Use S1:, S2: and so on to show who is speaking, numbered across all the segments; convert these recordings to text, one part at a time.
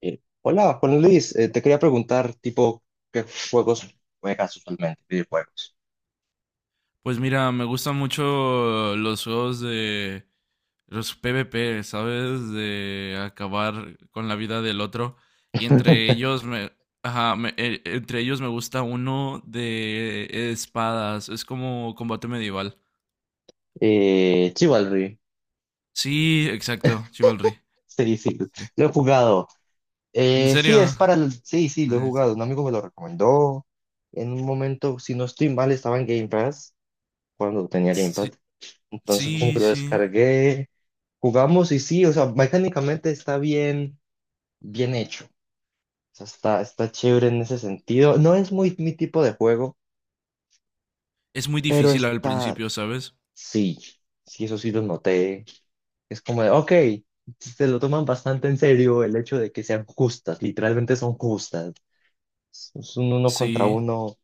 S1: Hola, Juan Luis, te quería preguntar, tipo, ¿qué juegos juegas usualmente? Videojuegos.
S2: Pues mira, me gustan mucho los juegos de los PvP, ¿sabes? De acabar con la vida del otro. Y entre ellos ajá, entre ellos me gusta uno de espadas. Es como combate medieval.
S1: Chivalry,
S2: Sí, exacto, Chivalry.
S1: sí,
S2: Sí.
S1: lo he jugado.
S2: ¿En
S1: Sí, es
S2: serio?
S1: para el- Sí, sí, lo he
S2: Nice.
S1: jugado. Un amigo me lo recomendó. En un momento, si no estoy mal, estaba en Game Pass, cuando tenía Game Pass.
S2: Sí,
S1: Entonces, como que
S2: sí,
S1: lo
S2: sí.
S1: descargué, jugamos y sí, o sea, mecánicamente está bien, bien hecho. O sea, está chévere en ese sentido. No es muy mi tipo de juego,
S2: Es muy
S1: pero
S2: difícil al
S1: está.
S2: principio, ¿sabes?
S1: Sí, sí, eso sí lo noté. Es como de, ok, se lo toman bastante en serio el hecho de que sean justas, literalmente son justas. Es un uno contra
S2: Sí.
S1: uno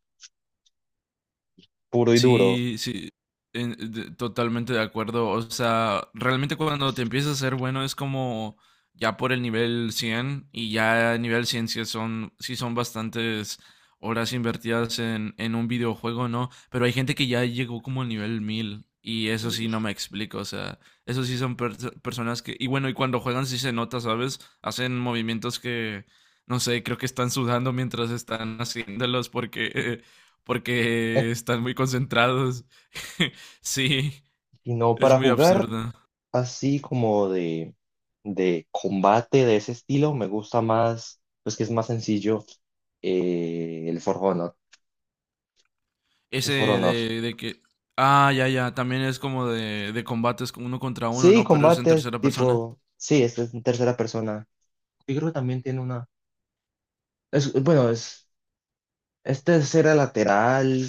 S1: puro y duro.
S2: Sí, sí, totalmente de acuerdo. O sea, realmente cuando te empiezas a ser bueno es como ya por el nivel 100 y ya a nivel 100 sí son bastantes horas invertidas en un videojuego, ¿no? Pero hay gente que ya llegó como al nivel 1000 y eso sí
S1: Y,
S2: no me explico. O sea, eso sí son personas que... Y bueno, y cuando juegan sí se nota, ¿sabes? Hacen movimientos que... No sé, creo que están sudando mientras están haciéndolos porque están muy concentrados. Sí,
S1: y no,
S2: es
S1: para
S2: muy
S1: jugar
S2: absurdo.
S1: así como de combate de ese estilo, me gusta más, pues que es más sencillo, el For Honor.
S2: Ese
S1: El For Honor.
S2: de que... Ah, ya, ya, también es como de combates con uno contra uno,
S1: Sí,
S2: ¿no? Pero es en
S1: combate
S2: tercera persona.
S1: tipo, sí, este es en tercera persona. Yo creo que también tiene una, es, bueno, es. Este es era lateral.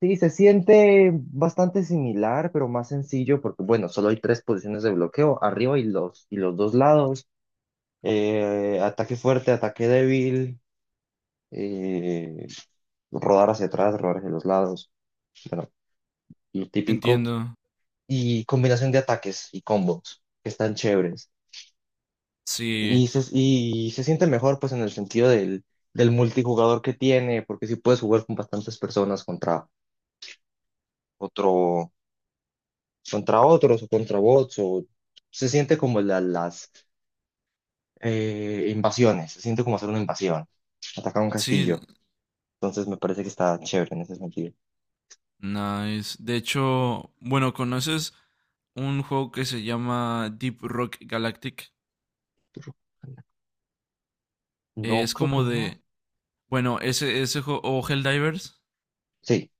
S1: Sí, se siente bastante similar, pero más sencillo porque, bueno, solo hay tres posiciones de bloqueo, arriba y los dos lados. Ataque fuerte, ataque débil, eh, rodar hacia atrás, rodar hacia los lados. Bueno, lo típico.
S2: Entiendo.
S1: Y combinación de ataques y combos que están chéveres.
S2: Sí,
S1: Y se siente mejor, pues, en el sentido del, del multijugador que tiene, porque si puedes jugar con bastantes personas contra otro, contra otros o contra bots, o se siente como la- las invasiones, se siente como hacer una invasión, atacar un
S2: sí,
S1: castillo. Entonces me parece que está chévere en ese sentido.
S2: nice. De hecho, bueno, ¿conoces un juego que se llama Deep Rock Galactic?
S1: Pero no,
S2: Es
S1: creo que
S2: como
S1: no.
S2: de... Bueno, ese juego... O Helldivers.
S1: Sí,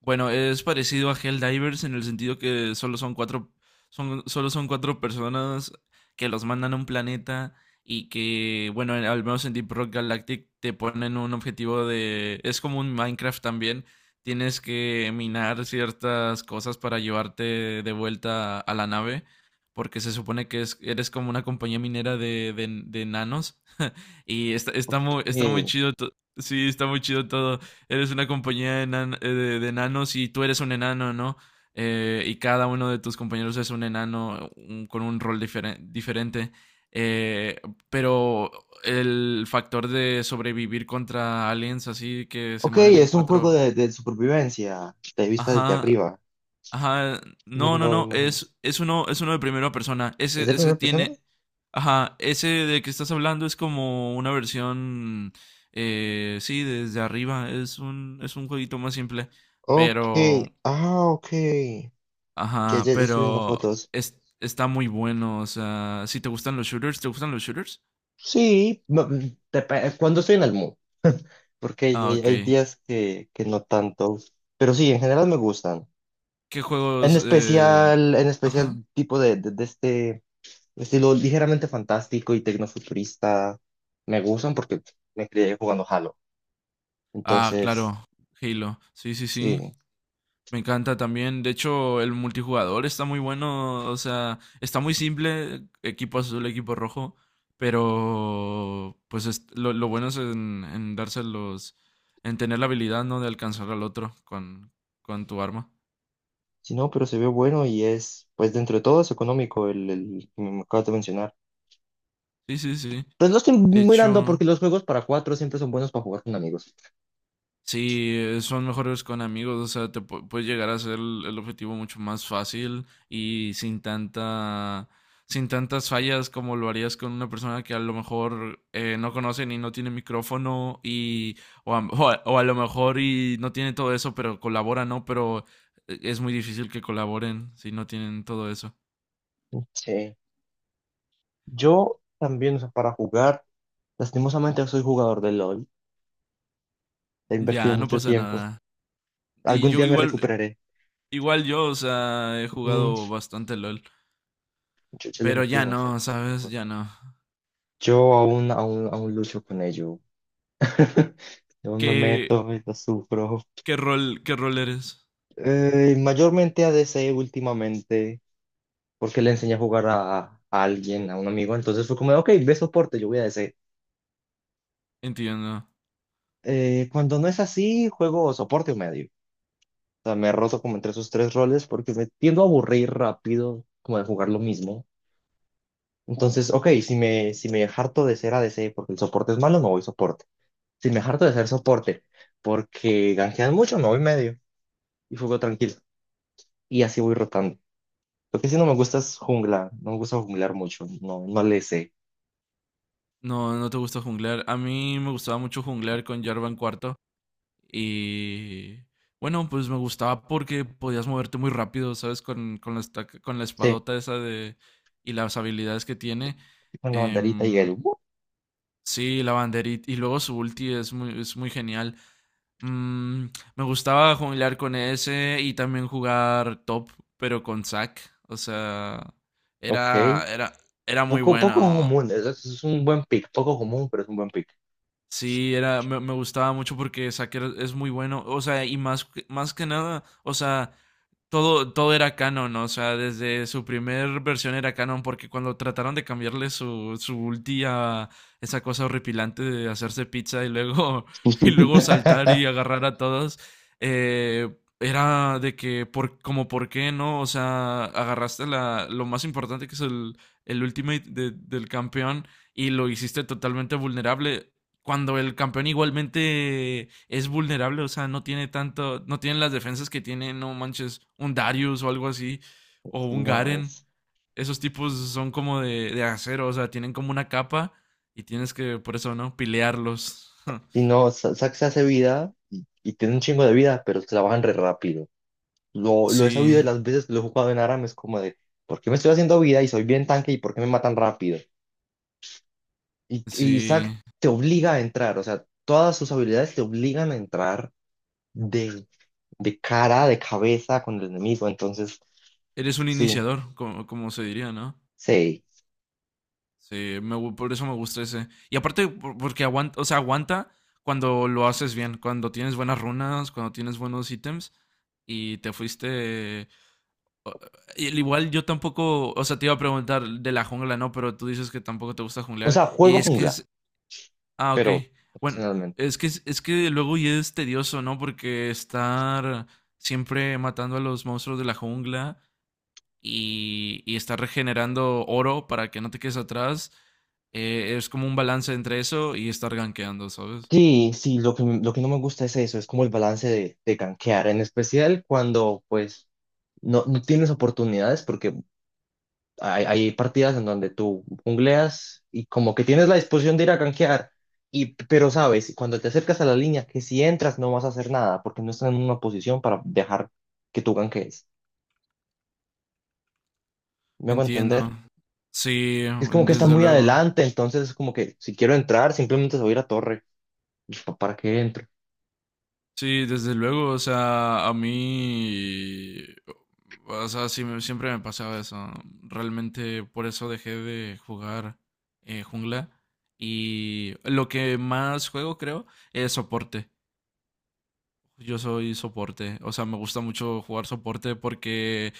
S2: Bueno, es parecido a Helldivers en el sentido que solo son cuatro personas que los mandan a un planeta y que, bueno, al menos en Deep Rock Galactic te ponen un objetivo de... Es como un Minecraft también. Tienes que minar ciertas cosas para llevarte de vuelta a la nave, porque se supone que eres como una compañía minera de nanos. Y
S1: ok.
S2: está muy chido. Sí, está muy chido todo. Eres una compañía de enanos y tú eres un enano, ¿no? Y cada uno de tus compañeros es un enano con un rol diferente. Eh, pero el factor de sobrevivir contra aliens así que se
S1: Ok,
S2: mueven en
S1: es un juego
S2: cuatro.
S1: de supervivencia, de vista desde
S2: Ajá,
S1: arriba,
S2: ajá, no, no,
S1: mirando
S2: no,
S1: imágenes.
S2: es uno de primera persona.
S1: ¿Es de primera persona?
S2: Ajá, ese de que estás hablando es como una versión, sí, desde arriba. Es un jueguito más simple,
S1: Ok,
S2: pero,
S1: ah, ok. Ya,
S2: ajá,
S1: ya, ya estoy viendo fotos.
S2: está muy bueno. O sea, si te gustan los shooters, ¿te gustan los shooters?
S1: Sí, no, dep- cuando estoy en el mood. Porque hay,
S2: Ah,
S1: hay- hay
S2: ok.
S1: días que no tanto, pero sí, en general me gustan.
S2: ¿Qué juegos?
S1: En
S2: Ajá.
S1: especial tipo de este estilo ligeramente fantástico y tecnofuturista, me gustan porque me crié jugando Halo.
S2: Ah,
S1: Entonces,
S2: claro, Halo. Sí, sí, sí.
S1: sí,
S2: Me encanta también. De hecho, el multijugador está muy bueno. O sea, está muy simple. Equipo azul, equipo rojo. Pero, pues lo bueno es en dárselos, en tener la habilidad, ¿no? De alcanzar al otro con tu arma.
S1: sí, no, pero se ve bueno y es, pues dentro de todo es económico el que me acabas de mencionar.
S2: Sí, sí, sí.
S1: Pues lo estoy
S2: De
S1: mirando
S2: hecho.
S1: porque los juegos para cuatro siempre son buenos para jugar con amigos.
S2: Sí, son mejores con amigos, o sea, te puedes llegar a hacer el objetivo mucho más fácil y sin tantas fallas como lo harías con una persona que a lo mejor no conocen y no tiene micrófono y o a lo mejor y no tiene todo eso, pero colabora, ¿no? Pero es muy difícil que colaboren si no tienen todo eso.
S1: Sí, yo también, o sea, para jugar, lastimosamente soy jugador de LOL. He invertido
S2: Ya, no
S1: mucho
S2: pasa
S1: tiempo.
S2: nada. Y
S1: Algún
S2: yo
S1: día me
S2: igual,
S1: recuperaré.
S2: igual yo, o sea, he
S1: Mm,
S2: jugado bastante LOL,
S1: yo le
S2: pero
S1: metí
S2: ya
S1: demasiado
S2: no, ¿sabes?
S1: esfuerzo.
S2: Ya no.
S1: Yo aún lucho con ello. Yo me
S2: Que
S1: meto y lo sufro.
S2: ¿Qué rol eres?
S1: Mayormente ADC últimamente, porque le enseñé a jugar a alguien, a un amigo. Entonces fue como, ok, ve soporte, yo voy a ADC.
S2: Entiendo.
S1: Cuando no es así, juego soporte o medio. O sea, me he roto como entre esos tres roles porque me tiendo a aburrir rápido, como de jugar lo mismo. Entonces, ok, si me harto de ser ADC porque el soporte es malo, me voy soporte. Si me harto de ser soporte porque ganjean mucho, me voy medio y juego tranquilo. Y así voy rotando. Lo que sí no me gusta es jungla. No me gusta junglar mucho. No, no le sé.
S2: No, no te gusta junglear. A mí me gustaba mucho junglear con Jarvan IV. Y bueno, pues me gustaba porque podías moverte muy rápido, ¿sabes? Con la
S1: Sí,
S2: espadota esa de... y las habilidades que tiene.
S1: con la banderita y el...
S2: Em, sí, la banderita. Y luego su ulti es muy genial. Mm, Me gustaba junglear con ese y también jugar top, pero con Zac. O sea,
S1: Ok.
S2: era, era, era muy
S1: Poco, poco
S2: bueno.
S1: común. Es un buen pick. Poco común, pero es un buen pick.
S2: Sí, me gustaba mucho porque Saker es muy bueno, o sea, y más, más que nada, o sea, todo era canon, ¿no? O sea, desde su primer versión era canon, porque cuando trataron de cambiarle su ulti a esa cosa horripilante de hacerse pizza y luego, y luego saltar y agarrar a todos, era de que, como por qué, ¿no? O sea, agarraste lo más importante que es el ultimate del campeón y lo hiciste totalmente vulnerable cuando el campeón igualmente es vulnerable, o sea, no tiene tanto, no tienen las defensas que tiene, no manches, un Darius o algo así, o
S1: Si
S2: un
S1: no
S2: Garen.
S1: es...
S2: Esos tipos son como de acero, o sea, tienen como una capa y tienes que, por eso, ¿no? Pilearlos.
S1: Si no, Sa- Sax se hace vida y tiene un chingo de vida, pero se la bajan re rápido. Lo he sabido
S2: Sí,
S1: de las veces que lo he jugado en Aram, es como de, ¿por qué me estoy haciendo vida y soy bien tanque y por qué me matan rápido? Y
S2: sí.
S1: Zac te obliga a entrar, o sea, todas sus habilidades te obligan a entrar de, de cara, de cabeza con el enemigo, entonces,
S2: Eres un
S1: sí,
S2: iniciador, como se diría, ¿no?
S1: sí.
S2: Sí, por eso me gusta ese. Y aparte, porque aguanta, o sea, aguanta cuando lo haces bien, cuando tienes buenas runas, cuando tienes buenos ítems y te fuiste... o- y al igual yo tampoco, o sea, te iba a preguntar de la jungla, ¿no? Pero tú dices que tampoco te gusta
S1: O
S2: junglear
S1: sea,
S2: y
S1: juego
S2: es que
S1: jungla,
S2: es... Ah, ok.
S1: pero
S2: Bueno,
S1: ocasionalmente.
S2: es que luego ya es tedioso, ¿no? Porque estar siempre matando a los monstruos de la jungla y estar regenerando oro para que no te quedes atrás. Es como un balance entre eso y estar gankeando, ¿sabes?
S1: Sí, sí, lo que no me gusta es eso, es como el balance de gankear, en especial cuando pues no, no tienes oportunidades, porque hay partidas en donde tú jungleas y como que tienes la disposición de ir a gankear, y, pero sabes, cuando te acercas a la línea, que si entras no vas a hacer nada porque no están en una posición para dejar que tú gankees. ¿Me hago
S2: Entiendo.
S1: entender?
S2: Sí,
S1: Es como que están
S2: desde
S1: muy
S2: luego.
S1: adelante, entonces es como que si quiero entrar, simplemente se voy a ir a torre. ¿Y pa- ¿Para qué entro?
S2: Sí, desde luego. O sea, a mí... O sea, sí siempre me pasaba eso. Realmente por eso dejé de jugar jungla. Y lo que más juego, creo, es soporte. Yo soy soporte. O sea, me gusta mucho jugar soporte porque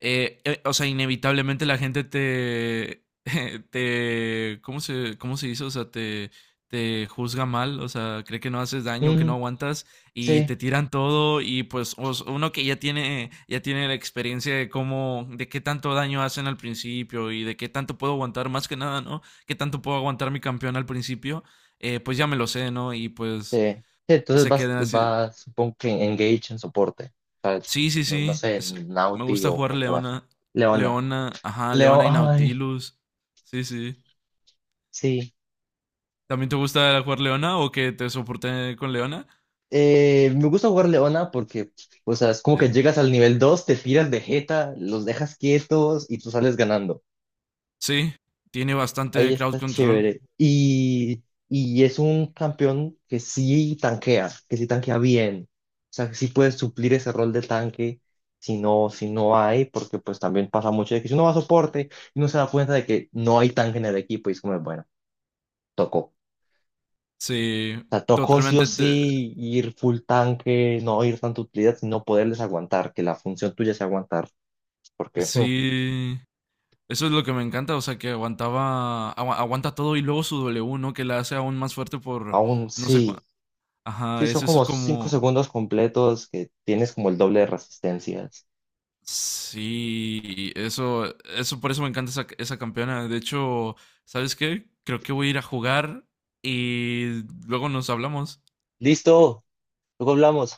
S2: o sea, inevitablemente la gente te, ¿cómo se dice? O sea, te juzga mal, o sea, cree que no haces daño, que no
S1: Mm,
S2: aguantas y
S1: sí,
S2: te tiran todo y pues uno que ya tiene la experiencia de cómo, de qué tanto daño hacen al principio y de qué tanto puedo aguantar, más que nada, ¿no? Qué tanto puedo aguantar mi campeón al principio, pues ya me lo sé, ¿no? Y pues
S1: sí. Sí, entonces
S2: se
S1: vas,
S2: quedan así.
S1: vas, supongo que en engage en soporte. O sea,
S2: Sí, sí,
S1: no, no
S2: sí.
S1: sé, en
S2: Me
S1: Nauti
S2: gusta jugar
S1: o qué vas.
S2: Leona.
S1: Leona.
S2: Leona, ajá,
S1: Leo,
S2: Leona y
S1: ay,
S2: Nautilus. Sí, sí.
S1: sí.
S2: ¿También te gusta jugar Leona o que te soporte con Leona?
S1: Me gusta jugar Leona porque, o sea, es como
S2: Sí.
S1: que llegas al nivel 2, te tiras de jeta, los dejas quietos y tú sales ganando.
S2: Sí, tiene
S1: Ahí
S2: bastante crowd
S1: está
S2: control.
S1: chévere. Y es un campeón que sí tanquea bien. O sea, que sí puedes suplir ese rol de tanque si no, si no hay, porque pues también pasa mucho de que si uno va a soporte y no se da cuenta de que no hay tanque en el equipo y es como, bueno, tocó.
S2: Sí,
S1: Sea, tocó sí o
S2: totalmente.
S1: sí ir full tanque, no ir tanta utilidad, sino poderles aguantar, que la función tuya sea aguantar, porque Mm.
S2: Sí, eso es lo que me encanta. O sea, que aguanta todo y luego su W, ¿no? Que la hace aún más fuerte por,
S1: Aún
S2: no sé
S1: sí,
S2: cuánto. Ajá,
S1: sí son
S2: eso es
S1: como cinco
S2: como,
S1: segundos completos que tienes como el doble de resistencias.
S2: Sí, por eso me encanta esa campeona. De hecho, ¿sabes qué? Creo que voy a ir a jugar y luego nos hablamos.
S1: Listo, luego hablamos.